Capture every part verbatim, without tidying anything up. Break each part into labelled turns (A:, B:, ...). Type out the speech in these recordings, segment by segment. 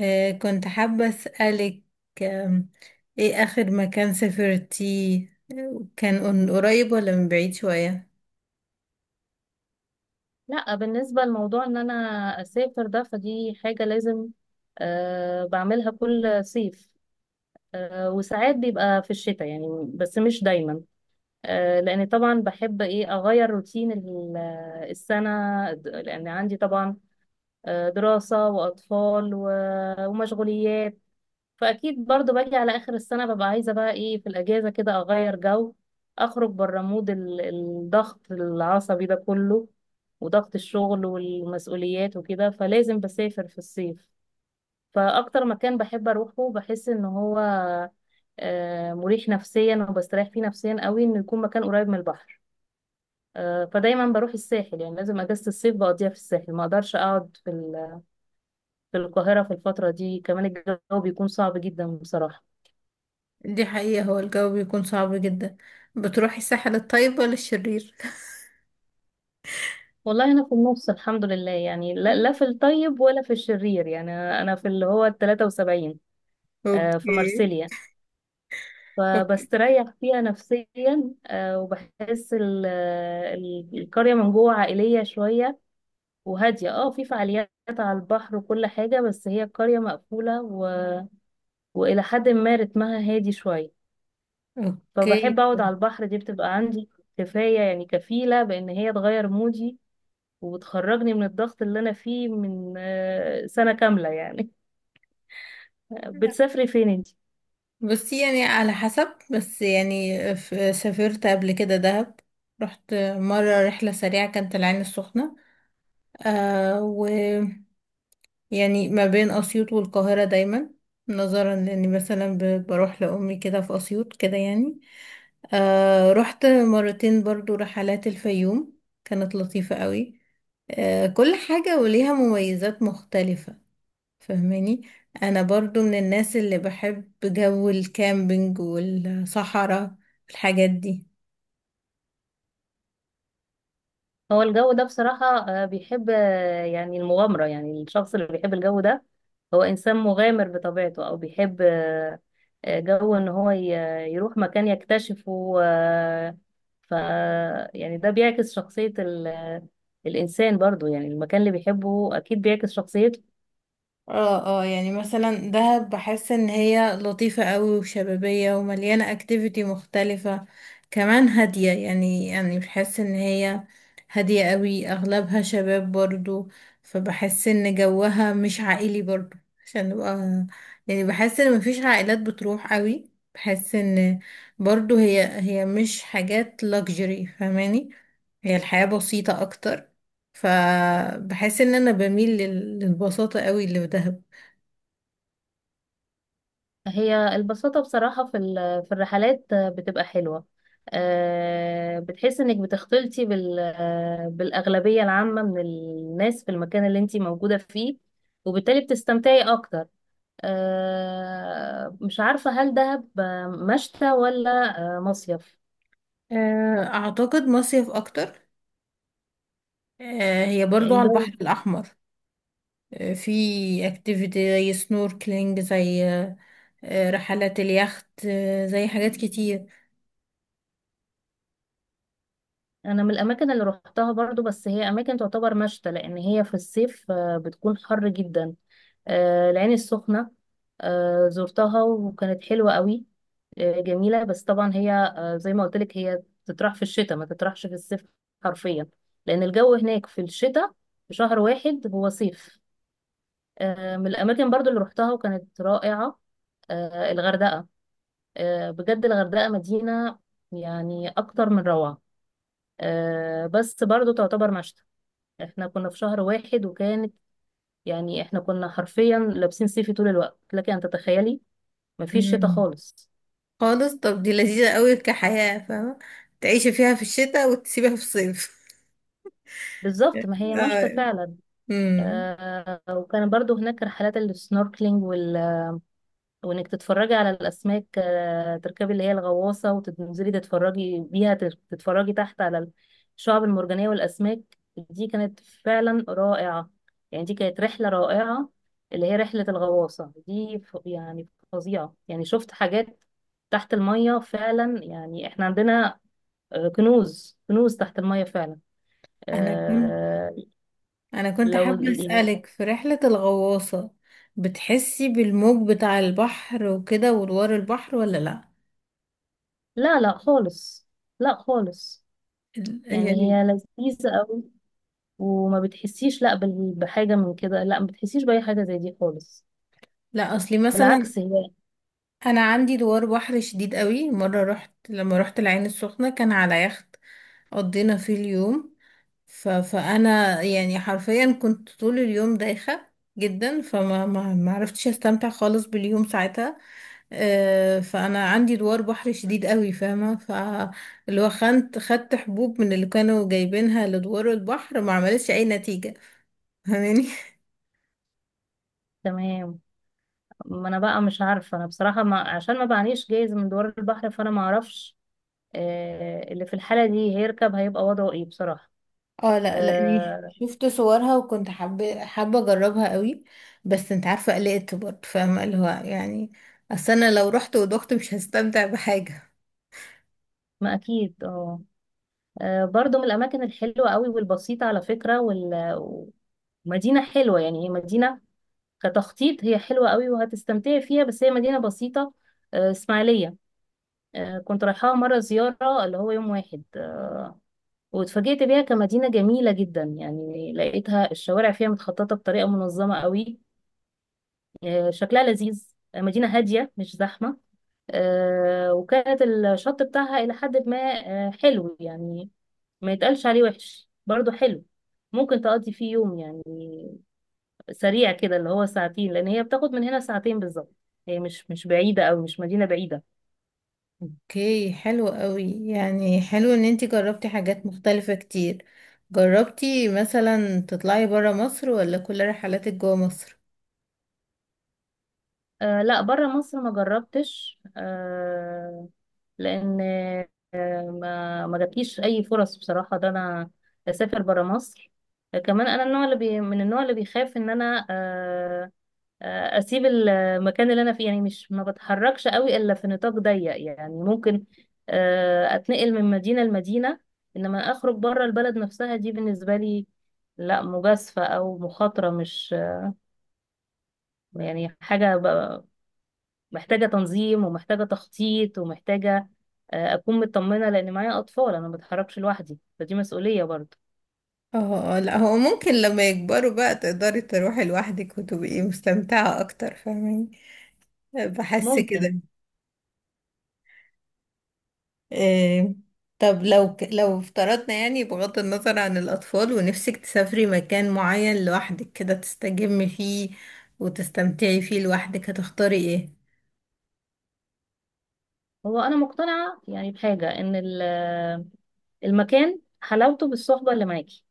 A: آه كنت حابة أسألك. آم، إيه آخر مكان سافرتيه؟ آه، كان من قريب ولا من بعيد شوية؟
B: لا، بالنسبة لموضوع ان انا اسافر ده فدي حاجة لازم أه بعملها كل صيف. أه وساعات بيبقى في الشتاء يعني، بس مش دايما. أه لان طبعا بحب ايه، اغير روتين ال- آه، السنة، د- لان عندي طبعا آه، دراسة واطفال و- ومشغوليات. فاكيد برضو باجي على اخر السنه ببقى عايزه بقى ايه في الاجازه كده، اغير جو، اخرج بره مود ال- الضغط العصبي ده كله وضغط الشغل والمسؤوليات وكده، فلازم بسافر في الصيف. فاكتر مكان بحب اروحه، بحس ان هو آه، مريح نفسيا وبستريح فيه نفسيا قوي، انه يكون مكان قريب من البحر. آه، فدايما بروح الساحل، يعني لازم اجازة الصيف بقضيها في الساحل. ما اقدرش اقعد في ال- في القاهرة في الفترة دي، كمان الجو بيكون صعب جدا بصراحة.
A: دي حقيقة، هو الجو بيكون صعب جدا. بتروحي الساحل الطيب ولا الشرير؟
B: والله انا في النص الحمد لله، يعني لا, لا في الطيب ولا في الشرير، يعني انا أنا في اللي هو ال ثلاثة وسبعين، آه، في
A: اوكي،
B: مارسيليا.
A: أوكي.
B: فبستريح فيها نفسيا، آه، وبحس ال- ال- القرية من جوه عائلية شوية وهادية، اه في فعاليات على البحر وكل حاجة، بس هي القرية مقفولة و... وإلى حد ما رتمها هادي شوية.
A: اوكي،
B: فبحب أقعد على البحر، دي بتبقى عندي كفاية، يعني كفيلة بإن هي تغير مودي وبتخرجني من الضغط اللي انا فيه من آه، سنة كاملة يعني. بتسافري فين انت؟
A: بصي يعني على حسب، بس يعني ف- سافرت قبل كده دهب. رحت مرة رحلة سريعة، كانت العين السخنة. آه يعني ما بين أسيوط والقاهرة دايما، نظرا لأني مثلا ب- بروح لأمي كده في أسيوط كده يعني. آه، رحت مرتين برضو رحلات الفيوم، كانت لطيفة قوي. آه كل حاجة وليها مميزات مختلفة، فهماني. أنا برضو من الناس اللي بحب جو الكامبينج والصحراء والحاجات دي.
B: هو الجو ده بصراحة آه، بيحب آه، يعني المغامرة، يعني الشخص اللي بيحب الجو ده هو إنسان مغامر بطبيعته، أو بيحب آه، آه، جو إن هو ي- يروح مكان يكتشفه، آه، ف يعني ده بيعكس شخصية ال- الإنسان برضو، يعني المكان اللي بيحبه أكيد بيعكس شخصيته.
A: اه، اه، يعني مثلا دهب بحس ان هي لطيفة قوي وشبابية ومليانة اكتيفيتي مختلفة. كمان هادية، يعني يعني بحس ان هي هادية قوي، اغلبها شباب برضو. فبحس ان جوها مش عائلي برضو، عشان نبقى يعني بحس ان مفيش عائلات بتروح قوي. بحس ان برضو هي هي مش حاجات luxury، فاهماني. هي الحياة بسيطة اكتر، فبحس ان انا بميل لل- للبساطة قوي اللي في دهب.
B: هي البساطة بصراحة في ال- في الرحلات بتبقى حلوة، آه، بتحس انك بتختلطي بال- آه، بالأغلبية العامة من الناس في المكان اللي انتي موجودة فيه، وبالتالي بتستمتعي أكتر. آه، مش عارفة، هل دهب مشتى ولا آه، مصيف؟
A: آه، اعتقد مصيف اكتر. آه، هي برضو
B: يعني
A: على
B: الجو-
A: البحر الاحمر. آه، في اكتيفيتي زي سنوركلينج، زي آه، آه، رحلات اليخت، آه، زي حاجات كتير.
B: أنا من الأماكن اللي روحتها برضو، بس هي أماكن تعتبر مشتى لأن هي في الصيف آه، بتكون حر جدا. آه، العين السخنة آه، زرتها وكانت حلوة قوي، آه، جميلة، بس طبعا هي آه، زي ما قلت لك، هي تطرح في الشتاء ما تطرحش في الصيف حرفيا، لأن الجو هناك في الشتاء، في شهر واحد هو صيف. آه، من الأماكن برضو اللي روحتها وكانت رائعة آه، الغردقة. آه، بجد الغردقة مدينة يعني أكتر من روعة. آه، بس برضو تعتبر مشتى، احنا كنا في شهر واحد وكانت، يعني احنا كنا حرفيا لابسين صيفي طول الوقت، لكن أن تتخيلي مفيش شتاء
A: مم.
B: خالص.
A: خالص، طب دي لذيذة قوي كحياة، فاهمة، تعيشي فيها في الشتاء وتسيبها في الصيف.
B: بالظبط، ما هي مشتى
A: آه.
B: فعلا.
A: مم.
B: آه وكان برضو هناك رحلات السنوركلينج وال... وانك تتفرجي على الاسماك، آه تركبي اللي هي الغواصه وتنزلي تتفرجي بيها تت- تتفرجي تحت على الشعب المرجانيه والاسماك. دي كانت فعلا رائعه، يعني دي كانت رحله رائعه اللي هي رحله الغواصه دي. ف... يعني فظيعه، يعني شفت حاجات تحت الميه فعلا. يعني احنا عندنا آه، كنوز كنوز تحت الميه فعلا.
A: انا كنت
B: آه،
A: انا كنت
B: لو
A: حابة
B: يعني،
A: اسألك في رحلة الغواصة. بتحسي بالموج بتاع البحر وكده وادوار البحر ولا لا؟
B: لا لا خالص، لا خالص،
A: ال-
B: يعني
A: يعني
B: هي لذيذة قوي، وما بتحسيش لا بال- بحاجة من كده، لا ما بتحسيش بأي حاجة زي دي خالص،
A: لا، اصلي مثلا
B: بالعكس هي
A: انا عندي دوار بحر شديد قوي. مره رحت، لما رحت العين السخنه، كان على يخت قضينا فيه اليوم. ف... فانا يعني حرفيا كنت طول اليوم دايخه جدا، فما ما ما عرفتش استمتع خالص باليوم ساعتها. آه، فانا عندي دوار بحر شديد قوي، فاهمه، فاللي هو خنت خدت حبوب من اللي كانوا جايبينها لدوار البحر، ما عملتش اي نتيجه، فاهماني.
B: تمام. ما انا بقى مش عارفة انا بصراحة، ما عشان ما بعنيش جايز من دوار البحر فانا ما اعرفش آه اللي في الحالة دي هيركب هيبقى وضعه ايه بصراحة.
A: اه، لا، لاني
B: آه
A: شفت صورها وكنت حابه حابه اجربها قوي. بس انت عارفه، قلقت برضه، فاهمه اللي هو يعني، اصل انا لو رحت ودخت مش هستمتع بحاجه.
B: ما اكيد اه. آه، برضو من الاماكن الحلوة قوي والبسيطة على فكرة، وال... ومدينة حلوة، يعني هي مدينة كتخطيط هي حلوة قوي وهتستمتعي فيها، بس هي مدينة بسيطة. آه، إسماعيلية، آه، كنت رايحاها مرة زيارة اللي هو يوم واحد، آه، واتفاجئت بيها كمدينة جميلة جدا. يعني لقيتها الشوارع فيها متخططة بطريقة منظمة قوي، آه، شكلها لذيذ، آه، مدينة هادية مش زحمة. آه، وكانت الشط بتاعها إلى حد ما آه، حلو، يعني ما يتقالش عليه وحش، برضه حلو. ممكن تقضي فيه يوم يعني سريع كده، اللي هو ساعتين، لان هي بتاخد من هنا ساعتين بالظبط. هي مش مش بعيده، او مش مدينه بعيده.
A: اوكي، حلو قوي، يعني حلو ان انتي جربتي حاجات مختلفه كتير. جربتي مثلا تطلعي برا مصر ولا كل رحلاتك جوا مصر؟
B: آه لا، بره مصر ما جربتش. آه لان آه ما ما جاتليش اي فرص بصراحه ده، انا اسافر بره مصر. آه، كمان انا النوع، اللي بي من النوع اللي بيخاف ان انا آه آه، اسيب المكان اللي انا فيه، يعني مش ما بتحركش قوي الا في نطاق ضيق، يعني ممكن آه، اتنقل من مدينة لمدينة، انما اخرج بره البلد نفسها، دي بالنسبة لي لا مجازفة او مخاطرة، مش يعني حاجة ب- محتاجة تنظيم ومحتاجة تخطيط ومحتاجة آه، اكون مطمنة، لان معايا اطفال، انا ما بتحركش لوحدي فدي مسؤولية برضه.
A: اه، اه، لا هو ممكن لما يكبروا بقى تقدري تروحي لوحدك وتبقي مستمتعه اكتر، فاهمين، بحس
B: ممكن.
A: كده. إيه، طب لو ك... لو افترضنا يعني، بغض النظر عن الأطفال، ونفسك تسافري مكان معين لوحدك كده تستجمي فيه وتستمتعي فيه لوحدك، هتختاري ايه؟
B: هو انا مقتنعة يعني بحاجة ان ال- المكان حلاوته بالصحبة اللي معاكي،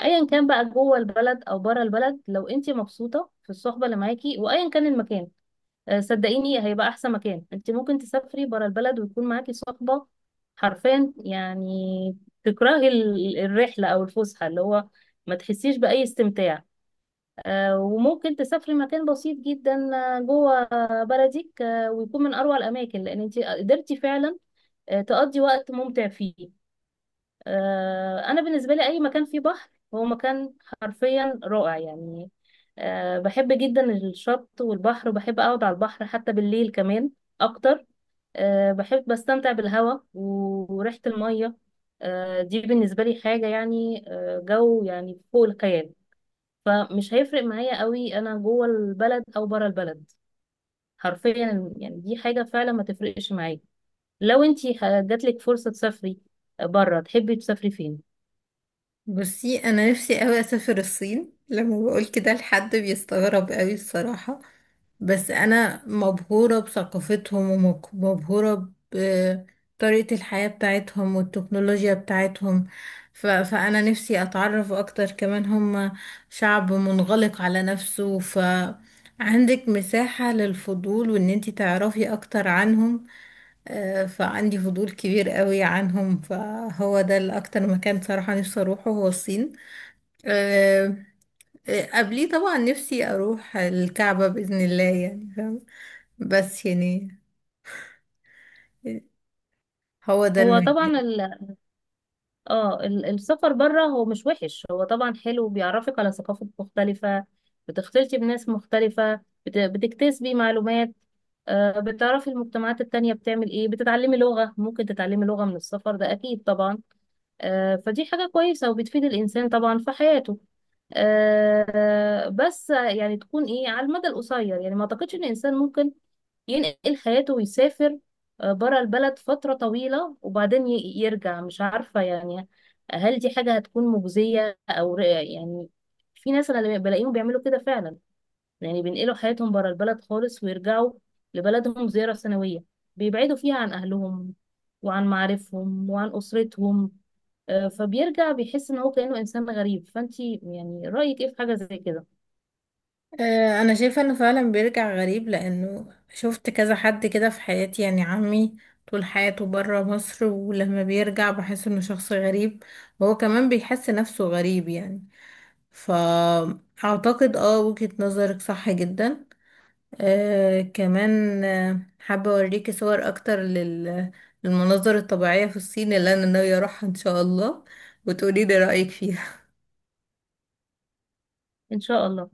B: ايا كان بقى جوه البلد او بره البلد. لو انت مبسوطه في الصحبه اللي معاكي وايا كان المكان، آه، صدقيني هيبقى احسن مكان. انت ممكن تسافري بره البلد ويكون معاكي صحبه حرفيا، يعني تكرهي ال- الرحله او الفسحه، اللي هو ما تحسيش باي استمتاع. آه، وممكن تسافري مكان بسيط جدا آه، جوه بلدك آه، ويكون من اروع الاماكن، لان انت قدرتي فعلا آه، تقضي وقت ممتع فيه. آه، انا بالنسبه لي اي مكان فيه بحر هو مكان حرفيا رائع يعني. آه، بحب جدا الشط والبحر، وبحب اقعد على البحر حتى بالليل كمان اكتر. آه، بحب بستمتع بالهواء و- وريحه الميه. آه، دي بالنسبه لي حاجه يعني آه، جو يعني فوق الخيال. فمش هيفرق معايا قوي انا جوه البلد او بره البلد، حرفيا يعني دي حاجه فعلا ما تفرقش معايا. لو انتي ه- جاتلك فرصه تسافري بره تحبي تسافري فين؟
A: بصي انا نفسي قوي اسافر الصين. لما بقول كده لحد بيستغرب قوي الصراحة، بس انا مبهورة بثقافتهم، ومبهورة بطريقة الحياة بتاعتهم والتكنولوجيا بتاعتهم. ف... فانا نفسي اتعرف اكتر كمان. هم شعب منغلق على نفسه، فعندك مساحة للفضول وان انتي تعرفي اكتر عنهم. آه، فعندي فضول كبير قوي عنهم، فهو ده الأكتر مكان صراحة نفسي أروحه، هو الصين. آه، آه، قبليه طبعا نفسي أروح الكعبة بإذن الله، يعني فاهم. بس يعني هو ده
B: هو
A: المكان.
B: طبعا ال... اه ال- السفر بره هو مش وحش، هو طبعا حلو، بيعرفك على ثقافات مختلفة، بتختلطي بناس مختلفة، بت... بتكتسبي معلومات، آه، بتعرفي المجتمعات التانية بتعمل ايه، بتتعلمي لغة، ممكن تتعلمي لغة من السفر ده اكيد طبعا. آه، فدي حاجة كويسة وبتفيد الانسان طبعا في حياته، آه، بس يعني تكون ايه على المدى القصير. يعني ما اعتقدش ان الانسان ممكن ينقل حياته ويسافر بره البلد فترة طويلة، وبعدين ي- يرجع، مش عارفة يعني هل دي حاجة هتكون مجزية، أو ر- يعني في ناس أنا اللي بلاقيهم بيعملوا كده فعلا، يعني بينقلوا حياتهم بره البلد خالص، ويرجعوا لبلدهم زيارة سنوية، بيبعدوا فيها عن أهلهم وعن معارفهم وعن أسرتهم. آه، فبيرجع بيحس إن هو كأنه إنسان غريب. فأنتي يعني رأيك إيه في حاجة زي كده؟
A: آه، أنا شايفة إنه فعلا بيرجع غريب، لأنه شفت كذا حد كده في حياتي. يعني عمي طول حياته برا مصر، ولما بيرجع بحس إنه شخص غريب، وهو كمان بيحس نفسه غريب يعني. فأعتقد اه وجهة نظرك صح جدا. آه كمان آه، حابة أوريكي صور أكتر لل... للمناظر الطبيعية في الصين اللي أنا ناوية أروحها إن شاء الله، وتقولي لي رأيك فيها.
B: إن شاء الله.